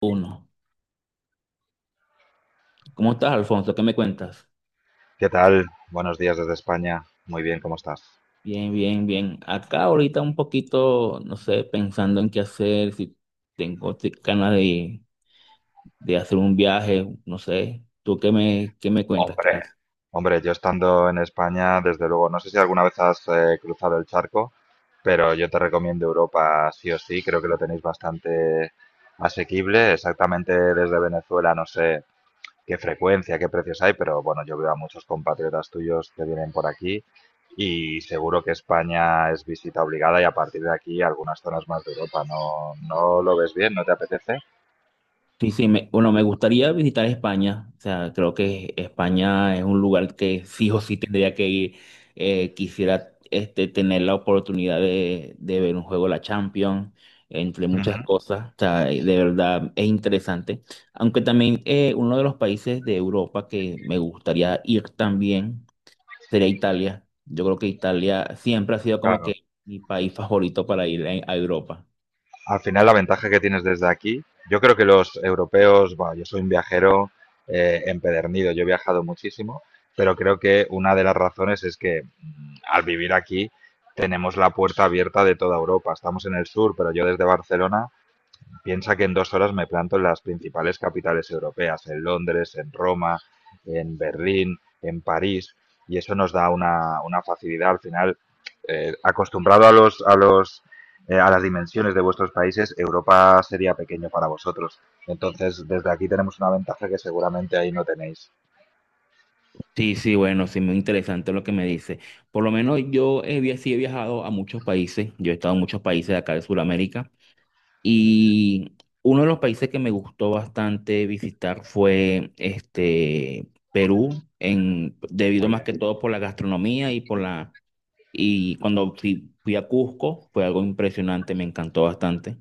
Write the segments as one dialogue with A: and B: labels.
A: Uno. ¿Cómo estás, Alfonso? ¿Qué me cuentas?
B: ¿Qué tal? Buenos días desde España. Muy bien, ¿cómo estás?
A: Bien, bien, bien. Acá ahorita un poquito, no sé, pensando en qué hacer, si ganas de hacer un viaje, no sé. ¿Tú qué me cuentas? ¿Qué
B: Hombre,
A: haces?
B: Hombre, yo estando en España, desde luego, no sé si alguna vez has cruzado el charco, pero yo te recomiendo Europa sí o sí, creo que lo tenéis bastante asequible. Exactamente desde Venezuela, no sé qué frecuencia, qué precios hay, pero bueno, yo veo a muchos compatriotas tuyos que vienen por aquí y seguro que España es visita obligada y a partir de aquí algunas zonas más de Europa. ¿No lo ves bien? ¿No te apetece?
A: Sí, sí, bueno, me gustaría visitar España. O sea, creo que España es un lugar que sí o sí tendría que ir. Quisiera este, tener la oportunidad de ver un juego de la Champions, entre muchas
B: Ujú.
A: cosas. O sea, de verdad es interesante. Aunque también uno de los países de Europa que me gustaría ir también sería Italia. Yo creo que Italia siempre ha sido como
B: Claro,
A: que mi país favorito para ir a Europa.
B: al final la ventaja que tienes desde aquí, yo creo que los europeos, bueno, yo soy un viajero empedernido, yo he viajado muchísimo, pero creo que una de las razones es que al vivir aquí tenemos la puerta abierta de toda Europa. Estamos en el sur, pero yo desde Barcelona piensa que en 2 horas me planto en las principales capitales europeas, en Londres, en Roma, en Berlín, en París, y eso nos da una facilidad al final. Acostumbrado a a las dimensiones de vuestros países, Europa sería pequeño para vosotros. Entonces, desde aquí tenemos una ventaja que seguramente ahí no tenéis.
A: Sí, sí, bueno, sí, muy interesante lo que me dice. Por lo menos yo sí he viajado a muchos países, yo he estado en muchos países de acá de Sudamérica y uno de los países que me gustó bastante visitar fue este Perú, en, debido
B: Muy
A: más
B: bien.
A: que todo por la gastronomía y por la... Y cuando fui a Cusco fue algo impresionante, me encantó bastante.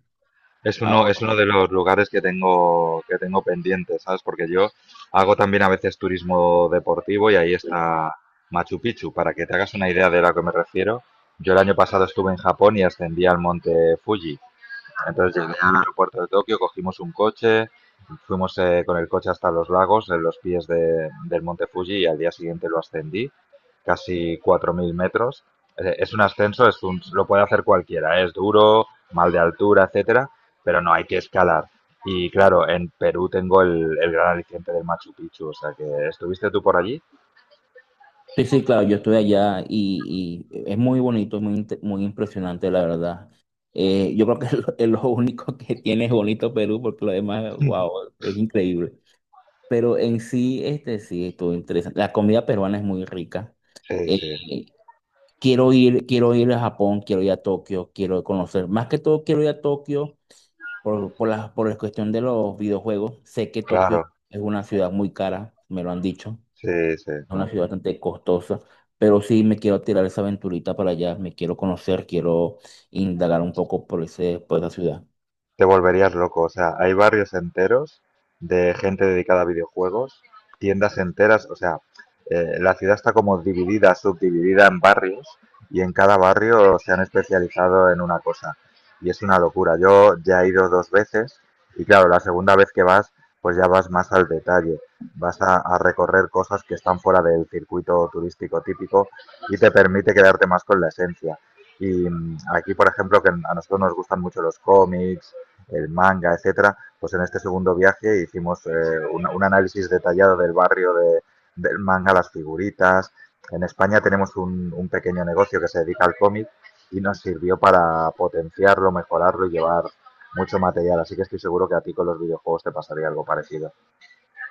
B: Es uno de los lugares que tengo pendiente, ¿sabes? Porque yo hago también a veces turismo deportivo y ahí está Machu Picchu. Para que te hagas una idea de lo que me refiero, yo el año pasado estuve en Japón y ascendí al monte Fuji. Vale, entonces llegué al aeropuerto de Tokio, cogimos un coche, fuimos con el coche hasta los lagos, en los del monte Fuji, y al día siguiente lo ascendí, casi 4.000 metros. Es un ascenso, es un, lo puede hacer cualquiera, ¿eh? Es duro, mal de altura, etcétera, pero no hay que escalar. Y claro, en Perú tengo el gran aliciente del Machu Picchu, o sea que, ¿estuviste tú por allí?
A: Sí, sí, claro, yo estoy allá y es muy bonito, es muy impresionante, la verdad. Yo creo que es es lo único que tiene es bonito Perú, porque lo demás, wow, es increíble. Pero en sí, este sí, estuvo interesante. La comida peruana es muy rica.
B: Sí, sí,
A: Eh, quiero quiero ir a Japón, quiero ir a Tokio, quiero conocer. Más que todo, quiero ir a Tokio por la cuestión de los videojuegos. Sé que Tokio
B: claro,
A: es una ciudad muy cara, me lo han dicho.
B: sí, sí.
A: Es una ciudad bastante costosa, pero sí me quiero tirar esa aventurita para allá, me quiero conocer, quiero indagar un poco por por esa ciudad.
B: Te volverías loco. O sea, hay barrios enteros de gente dedicada a videojuegos, tiendas enteras, o sea, la ciudad está como dividida, subdividida en barrios y en cada barrio se han especializado en una cosa. Y es una locura. Yo ya he ido dos veces y claro, la segunda vez que vas, pues ya vas más al detalle. A recorrer cosas que están fuera del circuito turístico típico y te permite quedarte más con la esencia. Y aquí, por ejemplo, que a nosotros nos gustan mucho los cómics, el manga, etcétera, pues en este segundo viaje hicimos análisis detallado del barrio del manga, las figuritas. En España tenemos un pequeño negocio que se dedica al cómic y nos sirvió para potenciarlo, mejorarlo y llevar mucho material. Así que estoy seguro que a ti con los videojuegos te pasaría algo parecido.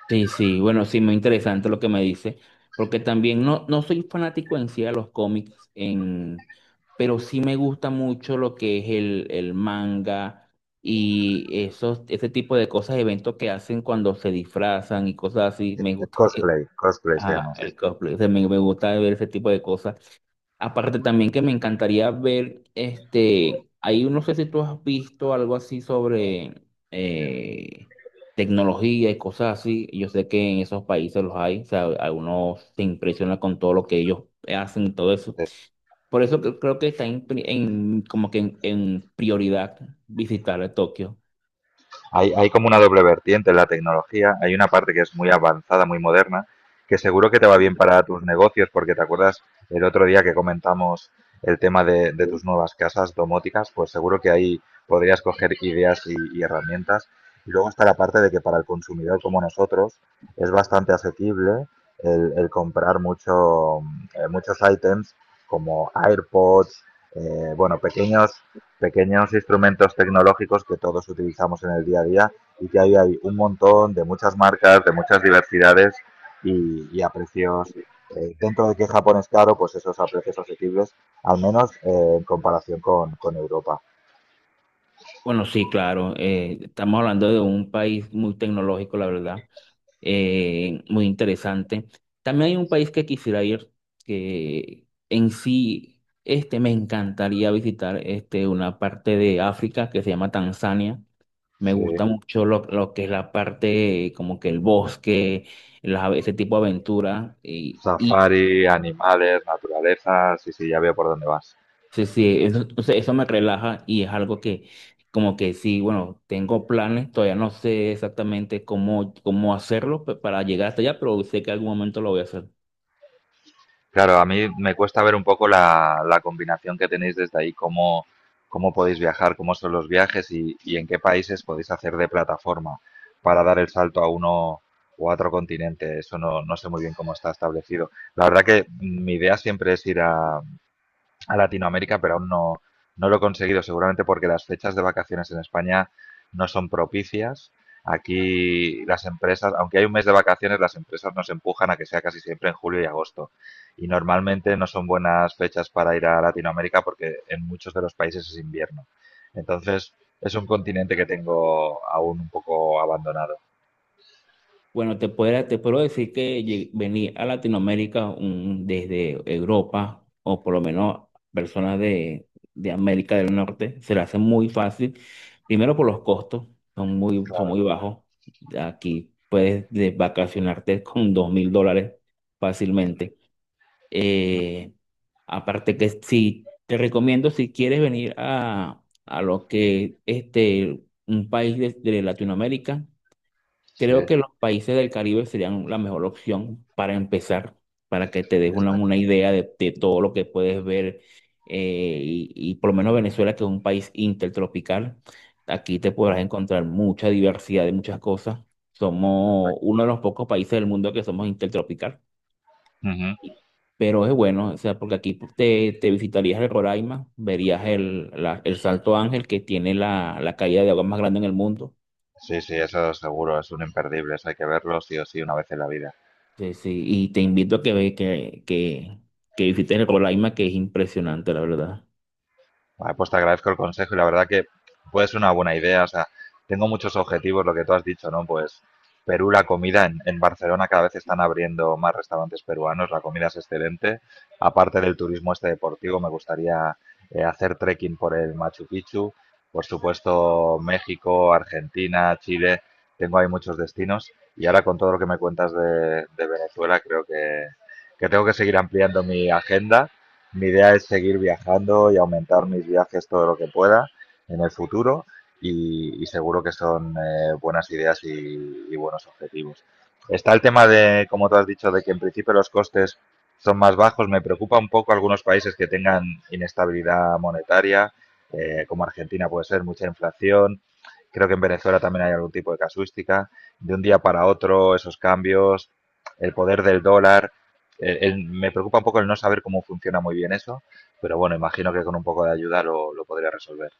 A: Sí, sí, bueno, sí, muy interesante lo que me dice, porque también no soy fanático en sí de los cómics, en, pero sí me gusta mucho lo que es el manga y ese tipo de cosas, eventos que hacen cuando se disfrazan y cosas así, me
B: El
A: gusta.
B: cosplay, cosplay se
A: Ah,
B: llama así.
A: el cosplay, o sea, me gusta ver ese tipo de cosas. Aparte también que me encantaría ver, este, ahí no sé si tú has visto algo así sobre eh, tecnología y cosas así. Yo sé que en esos países los hay, o sea, a uno se impresiona con todo lo que ellos hacen y todo eso. Por eso creo que está como que en prioridad visitar a Tokio.
B: Hay como una doble vertiente en la tecnología. Hay una parte que es muy avanzada, muy moderna, que seguro que te va bien para tus negocios, porque te acuerdas el otro día que comentamos el tema de tus nuevas casas domóticas, pues seguro que ahí podrías coger ideas y herramientas. Y luego está la parte de que para el consumidor como nosotros es bastante asequible el comprar mucho, muchos ítems como AirPods, bueno, pequeños instrumentos tecnológicos que todos utilizamos en el día a día y que ahí hay un montón de muchas marcas, de muchas diversidades y a precios, dentro de que Japón es caro, pues esos a precios asequibles, al menos en comparación con Europa.
A: Bueno, sí, claro, estamos hablando de un país muy tecnológico, la verdad. Muy interesante. También hay un país que quisiera ir, que en sí este, me encantaría visitar este, una parte de África que se llama Tanzania. Me
B: Sí,
A: gusta mucho lo que es la parte, como que el bosque, ese tipo de aventura. Y
B: safari, animales, naturaleza, sí, sí, ya veo por dónde vas.
A: sí, sí, eso, o sea, eso me relaja y es algo que, como que sí, bueno, tengo planes, todavía no sé exactamente cómo hacerlo para llegar hasta allá, pero sé que algún momento lo voy a hacer.
B: Claro, a mí me cuesta ver un poco la combinación que tenéis desde ahí, cómo, cómo podéis viajar, cómo son los viajes y en qué países podéis hacer de plataforma para dar el salto a uno o a otro continente. Eso no sé muy bien cómo está establecido. La verdad que mi idea siempre es ir a Latinoamérica, pero aún no, no lo he conseguido, seguramente porque las fechas de vacaciones en España no son propicias. Aquí las empresas, aunque hay un mes de vacaciones, las empresas nos empujan a que sea casi siempre en julio y agosto. Y normalmente no son buenas fechas para ir a Latinoamérica porque en muchos de los países es invierno. Entonces, es un continente que tengo aún un poco abandonado.
A: Bueno, te puedo decir que venir a Latinoamérica desde Europa o por lo menos personas de América del Norte se le hace muy fácil. Primero por los costos, son
B: Claro.
A: muy bajos. Aquí puedes vacacionarte con $2,000 fácilmente. Eh, Aparte que si te recomiendo, si quieres venir a lo que este, un país de Latinoamérica.
B: Sí,
A: Creo que los países del Caribe serían la mejor opción para empezar, para que te des una
B: exacto.
A: idea de todo lo que puedes ver. Y por lo menos Venezuela, que es un país intertropical, aquí te podrás encontrar mucha diversidad de muchas cosas. Somos
B: Exacto.
A: uno de los pocos países del mundo que somos intertropical.
B: Ujú.
A: y- Pero es bueno, o sea, porque aquí te visitarías el Roraima, verías el Salto Ángel, que tiene la caída de agua más grande en el mundo.
B: Sí, sí, eso seguro, es un imperdible, eso hay que verlo sí o sí una vez en la vida.
A: Sí, sí, y te invito a que visites el Colaima, que es impresionante, la verdad.
B: Vale, pues te agradezco el consejo y la verdad que puede ser una buena idea. O sea, tengo muchos objetivos, lo que tú has dicho, ¿no? Pues Perú, la comida en Barcelona cada vez están abriendo más restaurantes peruanos, la comida es excelente. Aparte del turismo este deportivo, me gustaría hacer trekking por el Machu Picchu. Por supuesto, México, Argentina, Chile, tengo ahí muchos destinos. Y ahora con todo lo que me cuentas de Venezuela, creo que tengo que seguir ampliando mi agenda. Mi idea es seguir viajando y aumentar mis viajes todo lo que pueda en el futuro y seguro que son buenas ideas y buenos objetivos. Está el tema de, como tú has dicho, de que en principio los costes son más bajos. Me preocupa un poco algunos países que tengan inestabilidad monetaria, como Argentina puede ser, mucha inflación. Creo que en Venezuela también hay algún tipo de casuística. De un día para otro, esos cambios, el poder del dólar, me preocupa un poco el no saber cómo funciona muy bien eso, pero bueno, imagino que con un poco de ayuda lo podría resolver.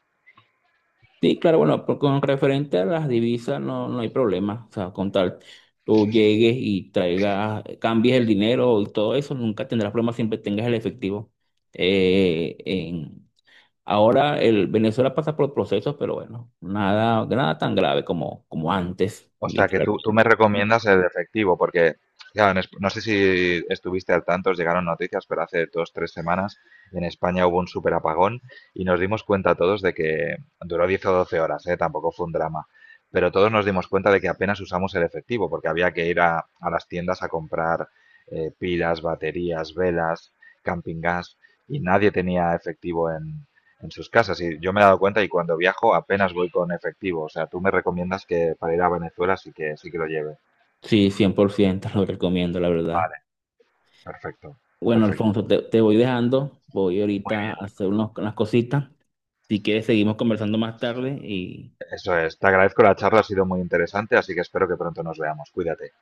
A: Sí, claro, bueno, con referente a las divisas no hay problema. O sea, con tal tú llegues y traigas, cambies el dinero y todo eso, nunca tendrás problema, siempre tengas el efectivo. Eh, en, ahora el Venezuela pasa por procesos, pero bueno, nada, nada tan grave como, como antes,
B: O sea, que tú me
A: literalmente.
B: recomiendas el efectivo, porque, claro, en no sé si estuviste al tanto, os llegaron noticias, pero hace 2, 3 semanas en España hubo un súper apagón y nos dimos cuenta todos de que duró 10 o 12 horas, ¿eh? Tampoco fue un drama, pero todos nos dimos cuenta de que apenas usamos el efectivo, porque había que ir a las tiendas a comprar pilas, baterías, velas, camping gas, y nadie tenía efectivo en sus casas. Y yo me he dado cuenta y cuando viajo apenas voy con efectivo. O sea, tú me recomiendas que para ir a Venezuela sí sí que lo lleve.
A: Sí, 100% lo recomiendo, la verdad.
B: Vale, perfecto,
A: Bueno,
B: perfecto.
A: Alfonso, te voy dejando. Voy
B: Muy
A: ahorita a
B: bien.
A: hacer unas cositas. Si quieres, seguimos conversando más tarde y,
B: Eso es. Te agradezco la charla, ha sido muy interesante, así que espero que pronto nos veamos. Cuídate.